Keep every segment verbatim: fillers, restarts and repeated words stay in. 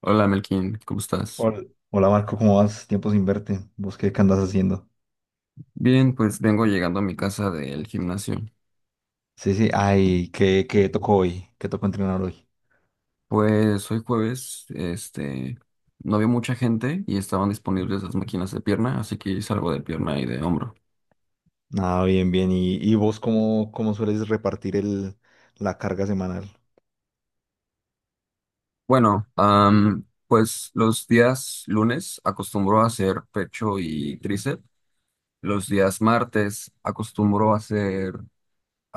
Hola Melkin, ¿cómo estás? Hola, hola, Marco, ¿cómo vas? Tiempo sin verte. Vos qué, qué andas haciendo? Bien, pues vengo llegando a mi casa del gimnasio. Sí, sí, ay, ¿qué, qué tocó hoy? ¿Qué tocó entrenar hoy? Pues hoy jueves, este, no había mucha gente y estaban disponibles las máquinas de pierna, así que hice algo de pierna y de hombro. Ah, bien, bien. ¿Y, y vos cómo, cómo sueles repartir el, la carga semanal? Bueno, am, pues los días lunes acostumbro a hacer pecho y tríceps. Los días martes acostumbro a hacer,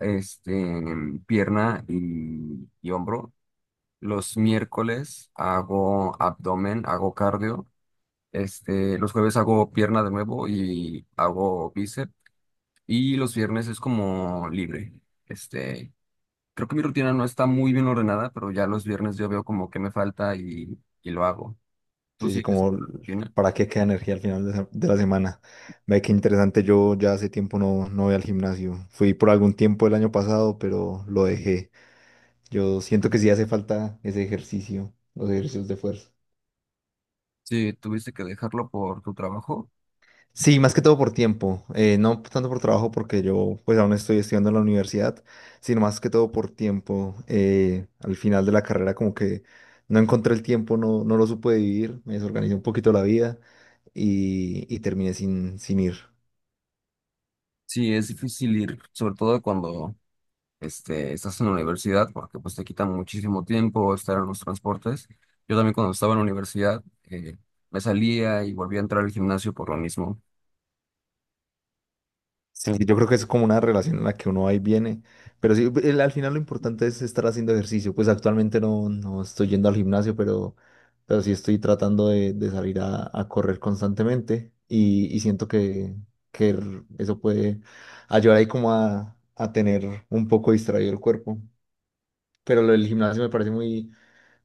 este, pierna y, y hombro. Los miércoles hago abdomen, hago cardio. Este, los jueves hago pierna de nuevo y hago bíceps. Y los viernes es como libre. Este, creo que mi rutina no está muy bien ordenada, pero ya los viernes yo veo como que me falta y, y lo hago. ¿Tú Sí, sí, sigues como con l- la rutina? para qué queda energía al final de, se- de la semana. Ve qué interesante, yo ya hace tiempo no, no voy al gimnasio. Fui por algún tiempo el año pasado, pero lo dejé. Yo siento que sí hace falta ese ejercicio, los ejercicios de fuerza. Sí, tuviste que dejarlo por tu trabajo. Sí, más que todo por tiempo, eh, no tanto por trabajo porque yo pues aún estoy estudiando en la universidad, sino más que todo por tiempo. Eh, al final de la carrera como que no encontré el tiempo, no, no lo supe vivir, me desorganicé un poquito la vida y, y terminé sin, sin ir. Sí, es difícil ir, sobre todo cuando este, estás en la universidad, porque pues te quitan muchísimo tiempo estar en los transportes. Yo también cuando estaba en la universidad eh, me salía y volvía a entrar al gimnasio por lo mismo. Sí, yo creo que es como una relación en la que uno va y viene, pero sí, el- al final lo importante es estar haciendo ejercicio, pues actualmente no, no estoy yendo al gimnasio, pero, pero sí estoy tratando de, de salir a, a correr constantemente y, y siento que, que r- eso puede ayudar ahí como a, a tener un poco distraído el cuerpo, pero lo del gimnasio me parece muy,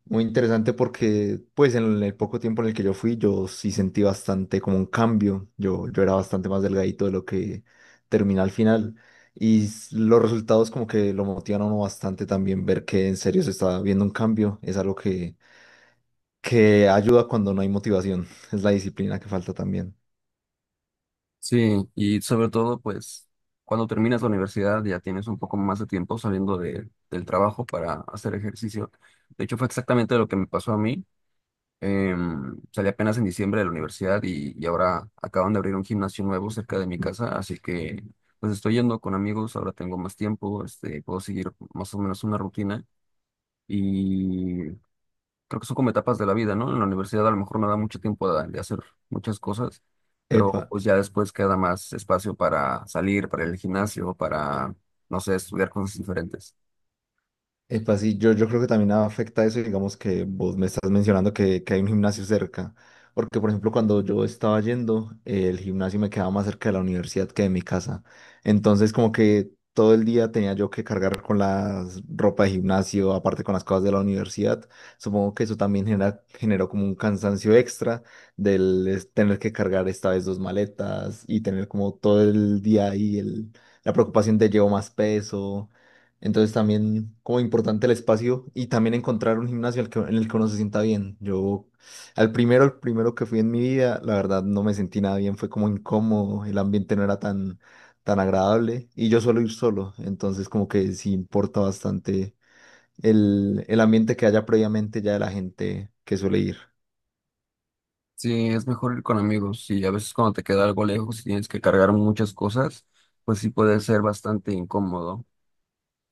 muy interesante porque pues en el poco tiempo en el que yo fui yo sí sentí bastante como un cambio. Yo, yo era bastante más delgadito de lo que terminé al final y s- los resultados como que lo motivan a uno bastante también ver que en serio se está viendo un cambio. Es algo que, que ayuda cuando no hay motivación. Es la disciplina que falta también. Sí, y sobre todo, pues, cuando terminas la universidad ya tienes un poco más de tiempo saliendo de, del trabajo para hacer ejercicio. De hecho, fue exactamente lo que me pasó a mí. Em, salí apenas en diciembre de la universidad y, y ahora acaban de abrir un gimnasio nuevo cerca de mi casa, así que pues estoy yendo con amigos. Ahora tengo más tiempo, este, puedo seguir más o menos una rutina. Y creo que son como etapas de la vida, ¿no? En la universidad a lo mejor no da mucho tiempo de, de hacer muchas cosas, pero Epa. pues ya después queda más espacio para salir, para el gimnasio, para, no sé, estudiar cosas diferentes. Epa, sí, yo, yo creo que también afecta eso, digamos que vos me estás mencionando que, que hay un gimnasio cerca, porque por ejemplo cuando yo estaba yendo, eh, el gimnasio me quedaba más cerca de la universidad que de mi casa, entonces como que todo el día tenía yo que cargar con la ropa de gimnasio, aparte con las cosas de la universidad, supongo que eso también genera, generó como un cansancio extra del es- tener que cargar esta vez dos maletas y tener como todo el día ahí el, la preocupación de llevo más peso, entonces también como importante el espacio y también encontrar un gimnasio al que- en el que uno se sienta bien. Yo al primero, el primero que fui en mi vida, la verdad no me sentí nada bien, fue como incómodo, el ambiente no era tan, tan agradable y yo suelo ir solo, entonces como que sí importa bastante el, el ambiente que haya previamente ya de la gente que suele ir. Sí, es mejor ir con amigos, y a veces cuando te queda algo lejos y tienes que cargar muchas cosas, pues sí puede ser bastante incómodo.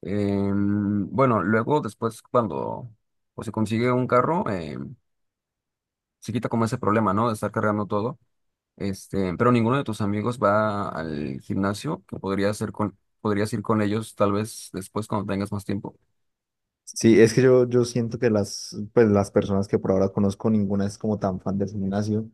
Em, bueno, luego después cuando, pues, se consigue un carro, em, se quita como ese problema, ¿no? De estar cargando todo. Este, pero ninguno de tus amigos va al gimnasio, que podría hacer con, podrías ir con ellos tal vez después cuando tengas más tiempo. Sí, es que yo, yo siento que las, pues, las personas que por ahora conozco, ninguna es como tan fan del gimnasio.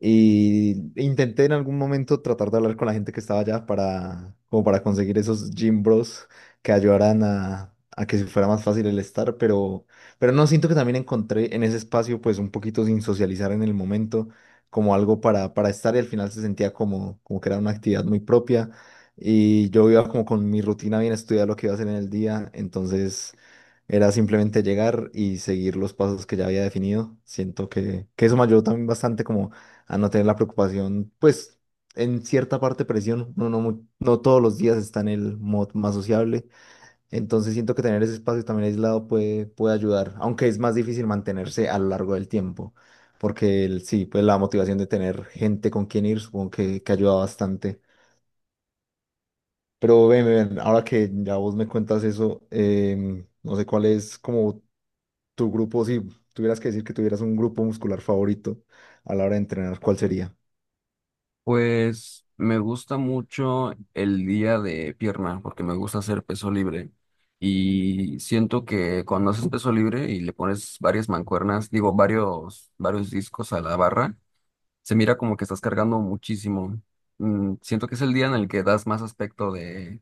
Y intenté en algún momento tratar de hablar con la gente que estaba allá para, como para conseguir esos gym bros que ayudaran a, a que fuera más fácil el estar, pero, pero no siento que también encontré en ese espacio, pues un poquito sin socializar en el momento, como algo para, para estar y al final se sentía como, como que era una actividad muy propia y yo iba como con mi rutina bien estudiada lo que iba a hacer en el día, entonces era simplemente llegar y seguir los pasos que ya había definido. Siento que, que eso me ayudó también bastante como a no tener la preocupación, pues en cierta parte presión, no, no, mu- no todos los días está en el mod más sociable, entonces siento que tener ese espacio también aislado puede, puede ayudar, aunque es más difícil mantenerse a lo largo del tiempo, porque el- sí, pues la motivación de tener gente con quien ir supongo que, que ayuda bastante. Pero ven, ven, ahora que ya vos me cuentas eso, em, no sé cuál es como tu grupo, si tuvieras que decir que tuvieras un grupo muscular favorito a la hora de entrenar, ¿cuál sería? Pues me gusta mucho el día de pierna, porque me gusta hacer peso libre. Y siento que cuando haces peso libre y le pones varias mancuernas, digo, varios, varios discos a la barra, se mira como que estás cargando muchísimo. Mm, siento que es el día en el que das más aspecto de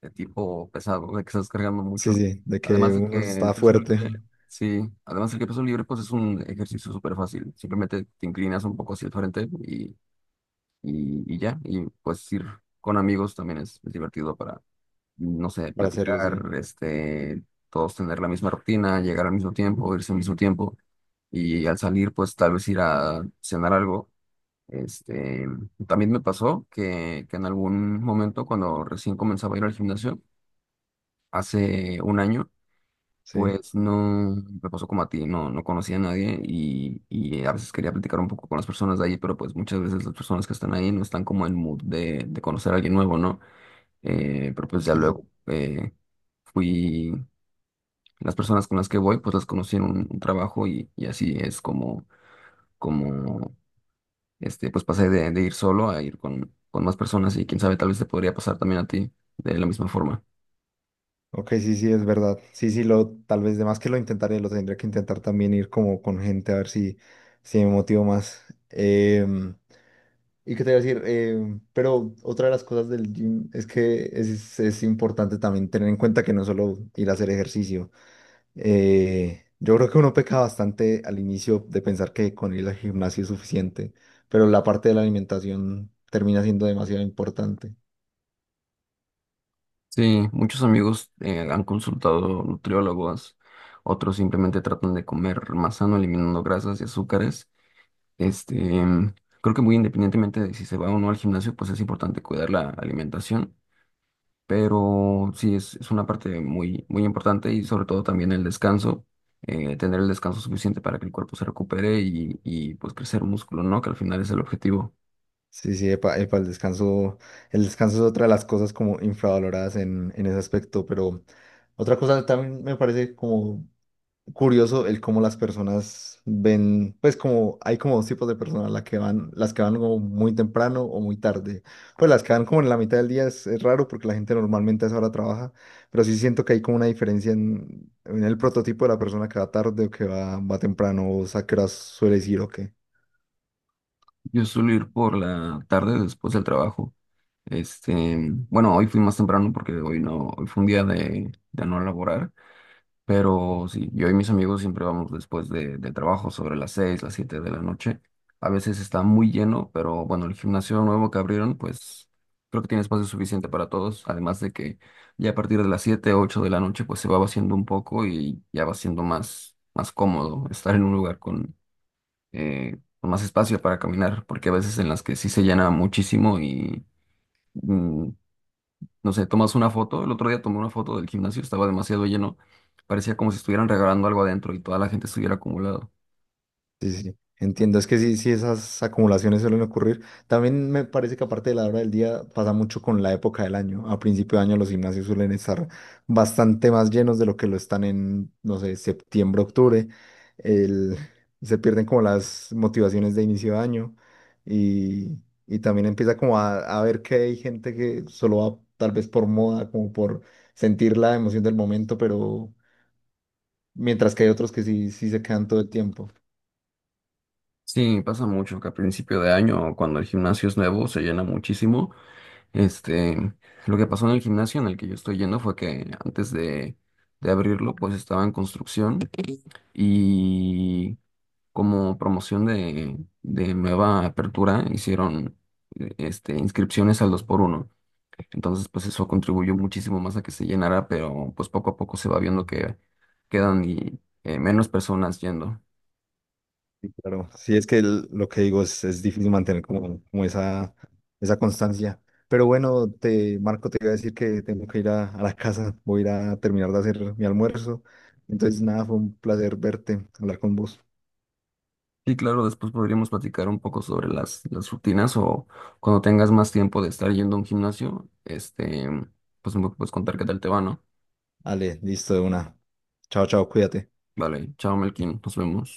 de tipo pesado, de que estás cargando Sí, mucho. sí, de que Además de uno que el está peso fuerte libre, sí, además de que el peso libre, pues es un ejercicio súper fácil. Simplemente te inclinas un poco hacia el frente y, y, y ya. Y pues ir con amigos también es, es divertido para, no sé, para hacerlo, platicar, sí. este, todos tener la misma rutina, llegar al mismo tiempo, irse al mismo tiempo. Y al salir, pues tal vez ir a cenar algo. Este, también me pasó que, que en algún momento, cuando recién comenzaba a ir al gimnasio, hace un año, Sí, pues no me pasó como a ti, no, no conocía a nadie y, y a veces quería platicar un poco con las personas de ahí, pero pues muchas veces las personas que están ahí no están como en mood de, de conocer a alguien nuevo, ¿no? Eh, pero pues ya sí, sí. luego eh, fui, las personas con las que voy, pues las conocí en un, un trabajo, y, y así es como, como, este, pues pasé de, de ir solo a ir con, con más personas, y quién sabe, tal vez te podría pasar también a ti de la misma forma. Ok, sí, sí, es verdad. Sí, sí, lo, tal vez de más que lo intentaré, lo tendré que intentar también ir como con gente a ver si, si me motivo más. Em, ¿Y qué te iba a decir? Em, pero otra de las cosas del gym es que es, es importante también tener en cuenta que no es solo ir a hacer ejercicio. Eh, yo creo que uno peca bastante al inicio de pensar que con ir al gimnasio es suficiente, pero la parte de la alimentación termina siendo demasiado importante. Sí, muchos amigos eh, han consultado nutriólogos, otros simplemente tratan de comer más sano, eliminando grasas y azúcares. Este, em, creo que, muy independientemente de si se va o no al gimnasio, pues es importante cuidar la alimentación, pero sí es, es una parte muy, muy importante, y sobre todo también el descanso. Eh, tener el descanso suficiente para que el cuerpo se recupere y, y pues crecer músculo, ¿no? Que al final es el objetivo. Sí, sí, epa, epa, el descanso, el descanso es otra de las cosas como infravaloradas en, en ese aspecto, pero otra cosa también me parece como curioso el cómo las personas ven, pues como hay como dos tipos de personas, las que van, las que van como muy temprano o muy tarde. Pues las que van como en la mitad del día es, es raro porque la gente normalmente a esa hora trabaja, pero sí siento que hay como una diferencia en, en el prototipo de la persona que va tarde o que va, va temprano, o sea, que suele ir o qué. Yo suelo ir por la tarde después del trabajo. Este, bueno, hoy fui más temprano porque hoy no, hoy fue un día de, de no laborar, pero sí, yo y mis amigos siempre vamos después de, del trabajo sobre las seis las siete de la noche. A veces está muy lleno, pero bueno, el gimnasio nuevo que abrieron, pues creo que tiene espacio suficiente para todos, además de que ya a partir de las siete ocho de la noche, pues se va vaciando un poco y ya va siendo más, más cómodo estar en un lugar con eh, con más espacio para caminar, porque a veces en las que sí se llena muchísimo y, mm, no sé, tomas una foto. El otro día tomé una foto del gimnasio, estaba demasiado lleno, parecía como si estuvieran regalando algo adentro y toda la gente estuviera acumulado. Sí, sí, entiendo. Es que sí, sí, esas acumulaciones suelen ocurrir. También me parece que aparte de la hora del día pasa mucho con la época del año. A principio de año los gimnasios suelen estar bastante más llenos de lo que lo están en, no sé, septiembre, octubre. El, se pierden como las motivaciones de inicio de año y, y también empieza como a, a ver que hay gente que solo va tal vez por moda, como por sentir la emoción del momento, pero mientras que hay otros que sí, sí se quedan todo el tiempo. Sí, pasa mucho que a principio de año, cuando el gimnasio es nuevo, se llena muchísimo. Este, lo que pasó en el gimnasio en el que yo estoy yendo fue que antes de, de abrirlo, pues estaba en construcción, y como promoción de, de nueva apertura, hicieron, eh, este, inscripciones al dos por uno. Entonces, pues eso contribuyó muchísimo más a que se llenara, pero pues poco a poco se va viendo que quedan, y, eh, menos personas yendo. Sí, claro, sí, es que el- lo que digo es, es difícil mantener como, como esa, esa constancia. Pero bueno, te, Marco, te iba a decir que tengo que ir a, a la casa, voy a ir a terminar de hacer mi almuerzo. Entonces, nada, fue un placer verte, hablar con vos. Y claro, después podríamos platicar un poco sobre las, las rutinas, o cuando tengas más tiempo de estar yendo a un gimnasio, este, pues me puedes contar qué tal te va, ¿no? Ale, listo, de una. Chao, chao, cuídate. Vale, chao Melkin, nos vemos.